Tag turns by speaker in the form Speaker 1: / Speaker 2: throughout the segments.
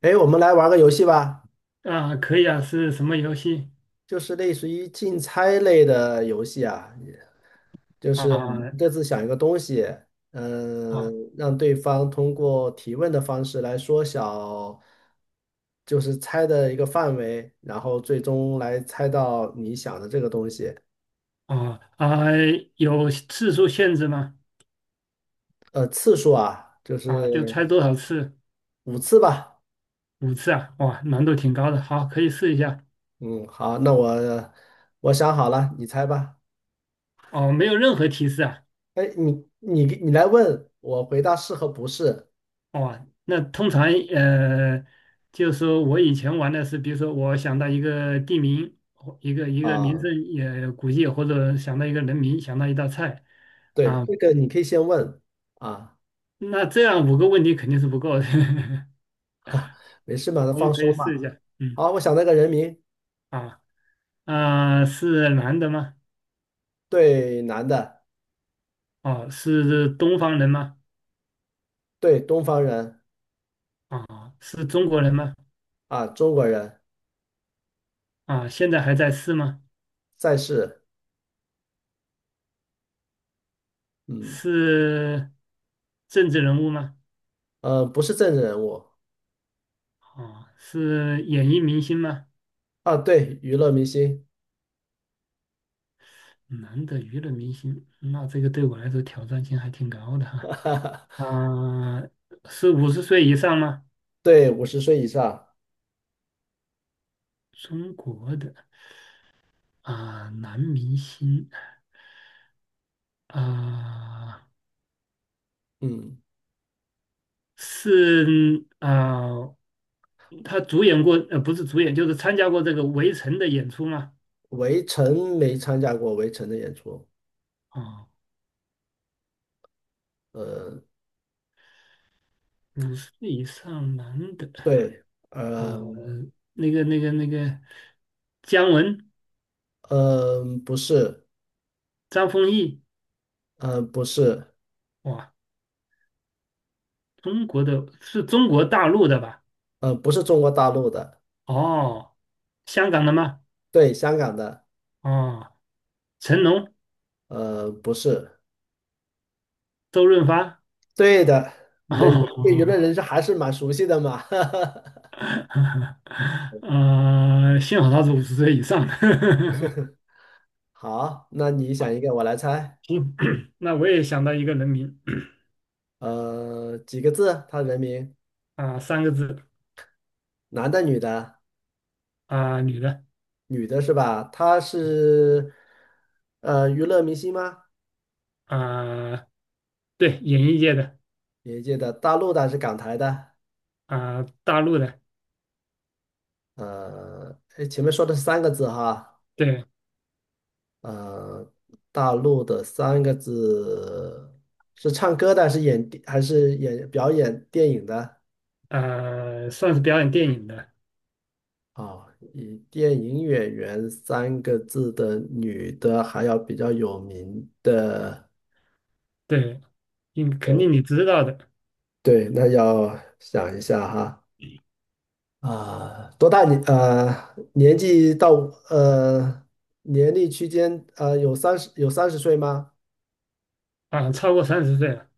Speaker 1: 哎，我们来玩个游戏吧，
Speaker 2: 啊，可以啊，是什么游戏？
Speaker 1: 就是类似于竞猜类的游戏啊，就是我们
Speaker 2: 啊
Speaker 1: 各自想一个东西，嗯，
Speaker 2: 啊
Speaker 1: 让对方通过提问的方式来缩小，就是猜的一个范围，然后最终来猜到你想的这个东西。
Speaker 2: 啊啊！有次数限制吗？
Speaker 1: 次数啊，就是
Speaker 2: 啊，就猜多少次？
Speaker 1: 五次吧。
Speaker 2: 5次啊？哇，难度挺高的。好，可以试一下。
Speaker 1: 嗯，好，那我想好了，你猜吧。
Speaker 2: 哦，没有任何提示啊。
Speaker 1: 哎，你来问，我回答是和不是
Speaker 2: 哇，那通常呃，就是说我以前玩的是，比如说我想到一个地名，或一个名
Speaker 1: 啊。
Speaker 2: 胜也古迹，或者想到一个人名，想到一道菜
Speaker 1: 对，
Speaker 2: 啊。
Speaker 1: 这个你可以先问啊，
Speaker 2: 那这样5个问题肯定是不够的，
Speaker 1: 没事嘛，
Speaker 2: 我
Speaker 1: 放
Speaker 2: 们可以
Speaker 1: 松
Speaker 2: 试一
Speaker 1: 嘛。
Speaker 2: 下。嗯。
Speaker 1: 好，我想那个人名，
Speaker 2: 啊。啊、是男的吗？
Speaker 1: 对，男的，
Speaker 2: 哦，是东方人吗？
Speaker 1: 对，东方人
Speaker 2: 啊、是中国人吗？
Speaker 1: 啊，中国人，
Speaker 2: 啊、现在还在世吗？
Speaker 1: 在世，嗯，
Speaker 2: 是政治人物吗？
Speaker 1: 不是政治人物
Speaker 2: 啊、是演艺明星吗？
Speaker 1: 啊，对，娱乐明星，
Speaker 2: 男的娱乐明星，那这个对我来说挑战性还挺高的哈。啊、是五十岁以上吗？
Speaker 1: 对，50岁以上，
Speaker 2: 中国的啊、男明星啊、
Speaker 1: 嗯，
Speaker 2: 是啊、他主演过，不是主演，就是参加过这个《围城》的演出吗？
Speaker 1: 围城没参加过《围城》的演出，
Speaker 2: 啊、
Speaker 1: 呃，
Speaker 2: 50以上男的
Speaker 1: 对，
Speaker 2: 啊、
Speaker 1: 呃，
Speaker 2: 那个、那个、那个，姜文、
Speaker 1: 不是，
Speaker 2: 张丰毅。
Speaker 1: 不是，
Speaker 2: 哇，中国的是中国大陆的吧？
Speaker 1: 不是中国大陆的，
Speaker 2: 哦，香港的吗？
Speaker 1: 对，香港的，
Speaker 2: 哦，成龙、
Speaker 1: 不是，
Speaker 2: 周润发。
Speaker 1: 对的。那你对娱乐
Speaker 2: 哦，
Speaker 1: 人士还是蛮熟悉的嘛。
Speaker 2: 幸好他是五十岁以上的。
Speaker 1: 好，那你想一个，我来猜。
Speaker 2: 行，那我也想到一个人名。
Speaker 1: 几个字？他人名，
Speaker 2: 啊、三个字。
Speaker 1: 男的、女的？
Speaker 2: 啊、女的。
Speaker 1: 女的是吧？他是娱乐明星吗？
Speaker 2: 啊、对，演艺界的。
Speaker 1: 业界的，大陆的还是港台的？
Speaker 2: 啊、大陆的，
Speaker 1: 诶前面说的是三个字哈。
Speaker 2: 对。
Speaker 1: 呃，大陆的三个字是唱歌的，还是演还是演表演电影的？
Speaker 2: 啊、算是表演电影的，
Speaker 1: 啊，以电影演员三个字的女的，还要比较有名的，
Speaker 2: 对，应肯
Speaker 1: 哦，
Speaker 2: 定你知道的。
Speaker 1: 对，那要想一下哈。啊，多大年？呃，年纪到呃年龄区间，呃，有三十岁吗？
Speaker 2: 啊、超过30岁了。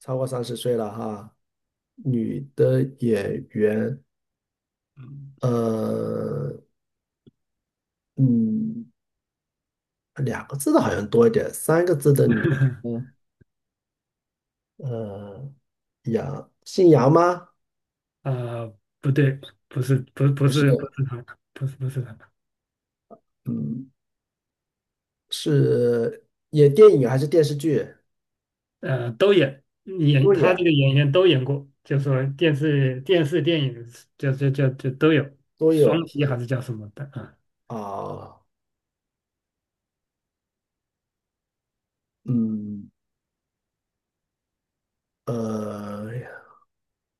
Speaker 1: 超过三十岁了哈，女的演员，
Speaker 2: 嗯。
Speaker 1: 呃，嗯，两个字的好像多一点，三个字的女的，呃，杨，姓杨吗？
Speaker 2: 啊、不对，不是，不
Speaker 1: 不是，
Speaker 2: 是，不是他，不是，不是他。
Speaker 1: 嗯，是演电影还是电视剧？
Speaker 2: 都演
Speaker 1: 都
Speaker 2: 他这个
Speaker 1: 演，
Speaker 2: 演员都演过，就说电视、电影，就都有，
Speaker 1: 都
Speaker 2: 双
Speaker 1: 有
Speaker 2: 栖还
Speaker 1: 是
Speaker 2: 是叫什么的啊？
Speaker 1: 啊，嗯，呃，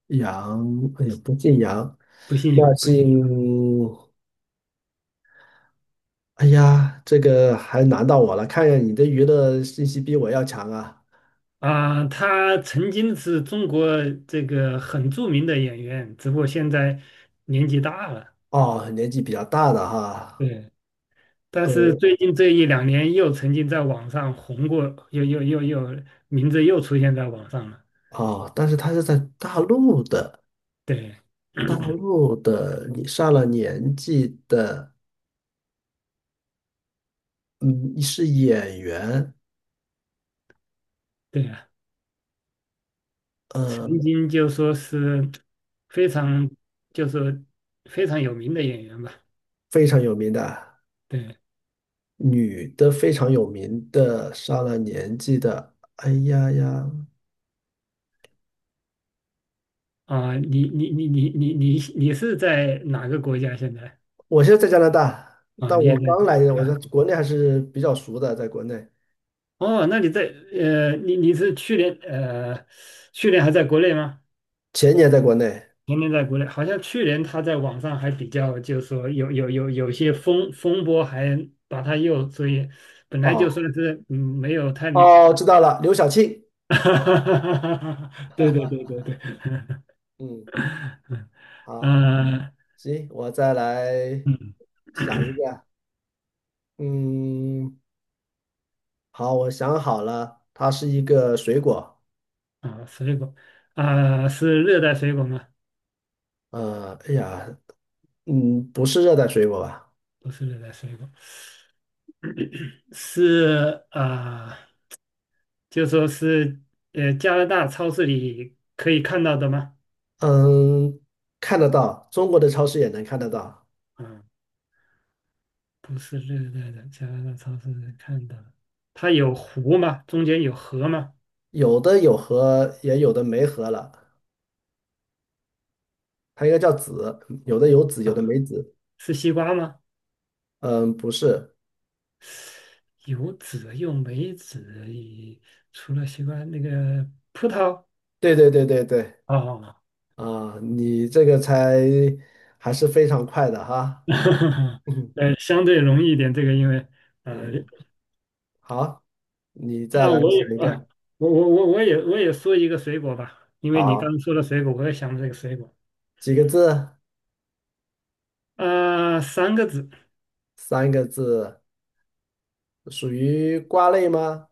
Speaker 1: 杨，哎呀，不姓杨。
Speaker 2: 不信呀，
Speaker 1: 那
Speaker 2: 不信呀。
Speaker 1: 姓，哎呀，这个还难到我了。看样你的娱乐信息比我要强啊。
Speaker 2: 啊，他曾经是中国这个很著名的演员，只不过现在年纪大了。
Speaker 1: 哦，年纪比较大的哈。
Speaker 2: 对，但是
Speaker 1: 呃，
Speaker 2: 最近这一两年又曾经在网上红过，又又又又名字又出现在网上了。
Speaker 1: 哦，但是他是在大陆的。
Speaker 2: 对。
Speaker 1: 大 陆的，你上了年纪的，嗯，是演员。
Speaker 2: 对啊，曾
Speaker 1: 呃，
Speaker 2: 经就说是非常，就是非常有名的演员吧。
Speaker 1: 非常有名的
Speaker 2: 对
Speaker 1: 女的，非常有名的上了年纪的。哎呀呀，
Speaker 2: 啊，你是在哪个国家现在？
Speaker 1: 我现在在加拿大，
Speaker 2: 啊，
Speaker 1: 但
Speaker 2: 你也
Speaker 1: 我刚来，我
Speaker 2: 在？
Speaker 1: 在国内还是比较熟的，在国内，
Speaker 2: 哦，那你在你是去年去年还在国内吗？
Speaker 1: 前年在国内。
Speaker 2: 前年在国内，好像去年他在网上还比较，就是说有些风波，还把他又所以本来就
Speaker 1: 哦，
Speaker 2: 算是没有太。
Speaker 1: 哦，知道了，刘晓庆。
Speaker 2: 对对对对对。
Speaker 1: 嗯，好。
Speaker 2: 嗯
Speaker 1: 行，我再来
Speaker 2: 嗯。
Speaker 1: 想一个。嗯，好，我想好了，它是一个水果。
Speaker 2: 啊，水果。啊，是热带水果吗？
Speaker 1: 哎呀，不是热带水果吧？
Speaker 2: 不是热带水果，是啊。就说是加拿大超市里可以看到的吗？
Speaker 1: 嗯，看得到，中国的超市也能看得到，
Speaker 2: 啊，不是热带的，加拿大超市里看到的它有湖吗？中间有河吗？
Speaker 1: 有的有核，也有的没核了。它应该叫籽，有的有籽，有的
Speaker 2: 啊，
Speaker 1: 没籽。
Speaker 2: 是西瓜吗？
Speaker 1: 嗯，不是，
Speaker 2: 有籽又没籽，也除了西瓜那个葡萄。
Speaker 1: 对对对对对。
Speaker 2: 哦。
Speaker 1: 啊，你这个猜还是非常快的哈。嗯。
Speaker 2: 相对容易一点，这个因为呃，
Speaker 1: 嗯，好，你再
Speaker 2: 那
Speaker 1: 来
Speaker 2: 我也
Speaker 1: 想一
Speaker 2: 啊，
Speaker 1: 个。
Speaker 2: 我也说一个水果吧，因为你刚
Speaker 1: 好，
Speaker 2: 刚说了水果，我也想了这个水果。
Speaker 1: 几个字？
Speaker 2: 啊、三个字。
Speaker 1: 三个字，属于瓜类吗？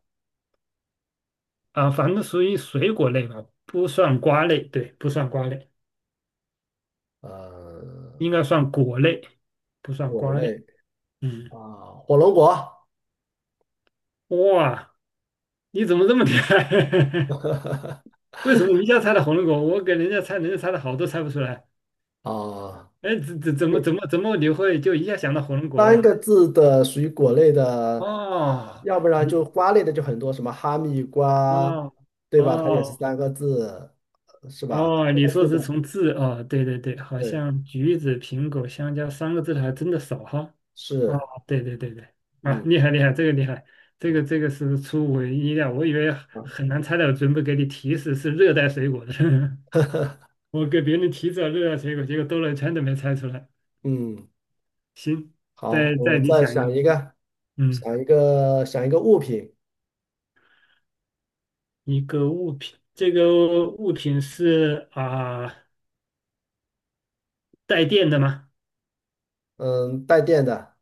Speaker 2: 啊，反正属于水果类吧，不算瓜类，对，不算瓜类，
Speaker 1: 呃，
Speaker 2: 应该算果类，不算
Speaker 1: 果
Speaker 2: 瓜
Speaker 1: 类
Speaker 2: 类。嗯。
Speaker 1: 啊，火龙果
Speaker 2: 哇，你怎么这么厉害？为什么你一下猜到火龙果？我给人家猜，人家猜的好多猜不出来。
Speaker 1: 啊。
Speaker 2: 哎，怎么你会就一下想到火龙果
Speaker 1: 三
Speaker 2: 嘞？
Speaker 1: 个字的属于果类的，
Speaker 2: 哦，
Speaker 1: 要不然就
Speaker 2: 你
Speaker 1: 瓜类的就很多，什么哈密瓜，
Speaker 2: 哦
Speaker 1: 对吧？它也是
Speaker 2: 哦
Speaker 1: 三个字，呃是吧？
Speaker 2: 哦，
Speaker 1: 三
Speaker 2: 你
Speaker 1: 个
Speaker 2: 说
Speaker 1: 字的，
Speaker 2: 是从字哦，对对对，好
Speaker 1: 对，
Speaker 2: 像橘子、苹果、香蕉三个字的还真的少哈。哦，
Speaker 1: 是，
Speaker 2: 对对对对。啊，
Speaker 1: 嗯，
Speaker 2: 厉害厉害，这个厉害，这个
Speaker 1: 对
Speaker 2: 这个是出乎意料，我以为
Speaker 1: 啊。
Speaker 2: 很难猜到，准备给你提示是热带水果的。我给别人提示了热带水果，结果兜了一圈都没猜出来。
Speaker 1: 嗯，
Speaker 2: 行，
Speaker 1: 好，
Speaker 2: 再
Speaker 1: 我
Speaker 2: 再你
Speaker 1: 再
Speaker 2: 想一
Speaker 1: 想
Speaker 2: 个。
Speaker 1: 一个，
Speaker 2: 嗯，
Speaker 1: 想一个，想一个物品，
Speaker 2: 一个物品，这个物品是啊、带电的吗？
Speaker 1: 嗯，带电的，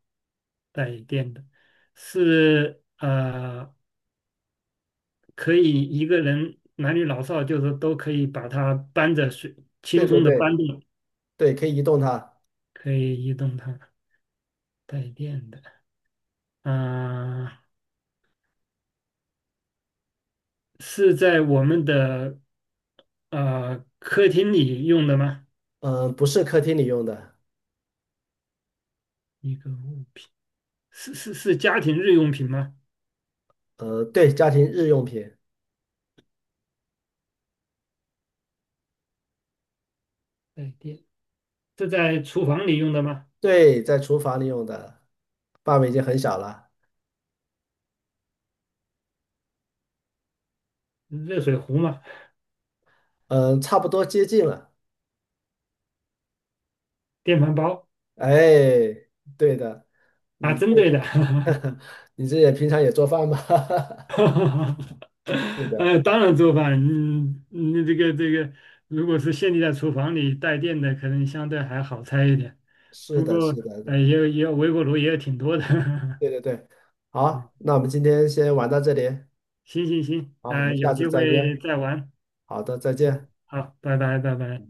Speaker 2: 带电的，是可以一个人男女老少就是都可以把它搬着水，
Speaker 1: 对
Speaker 2: 轻
Speaker 1: 对
Speaker 2: 松的
Speaker 1: 对
Speaker 2: 搬动。
Speaker 1: 对，可以移动它，
Speaker 2: 可以移动它，带电的。啊、是在我们的客厅里用的吗？
Speaker 1: 嗯，不是客厅里用的，
Speaker 2: 一个物品，是家庭日用品吗？
Speaker 1: 呃，对，家庭日用品，
Speaker 2: 带电是在厨房里用的吗？
Speaker 1: 对，在厨房里用的，范围已经很小了，
Speaker 2: 热水壶吗？
Speaker 1: 嗯，差不多接近了。
Speaker 2: 电饭煲
Speaker 1: 哎，对的。
Speaker 2: 啊，
Speaker 1: 你这
Speaker 2: 针
Speaker 1: 个
Speaker 2: 对的。
Speaker 1: 你这也平常也做饭吗？是的，
Speaker 2: 当然做饭。嗯，你这个，如果是限定在厨房里带电的，可能相对还好猜一点，
Speaker 1: 是
Speaker 2: 不
Speaker 1: 的，
Speaker 2: 过
Speaker 1: 是的，是的，
Speaker 2: 也有微波炉也有挺多的。
Speaker 1: 对对对。好，
Speaker 2: 嗯，
Speaker 1: 那我们今天先玩到这里，
Speaker 2: 行行行，
Speaker 1: 好，我们下
Speaker 2: 有
Speaker 1: 次
Speaker 2: 机
Speaker 1: 再约。
Speaker 2: 会再玩。
Speaker 1: 好的，再见。
Speaker 2: 好，拜拜，拜拜。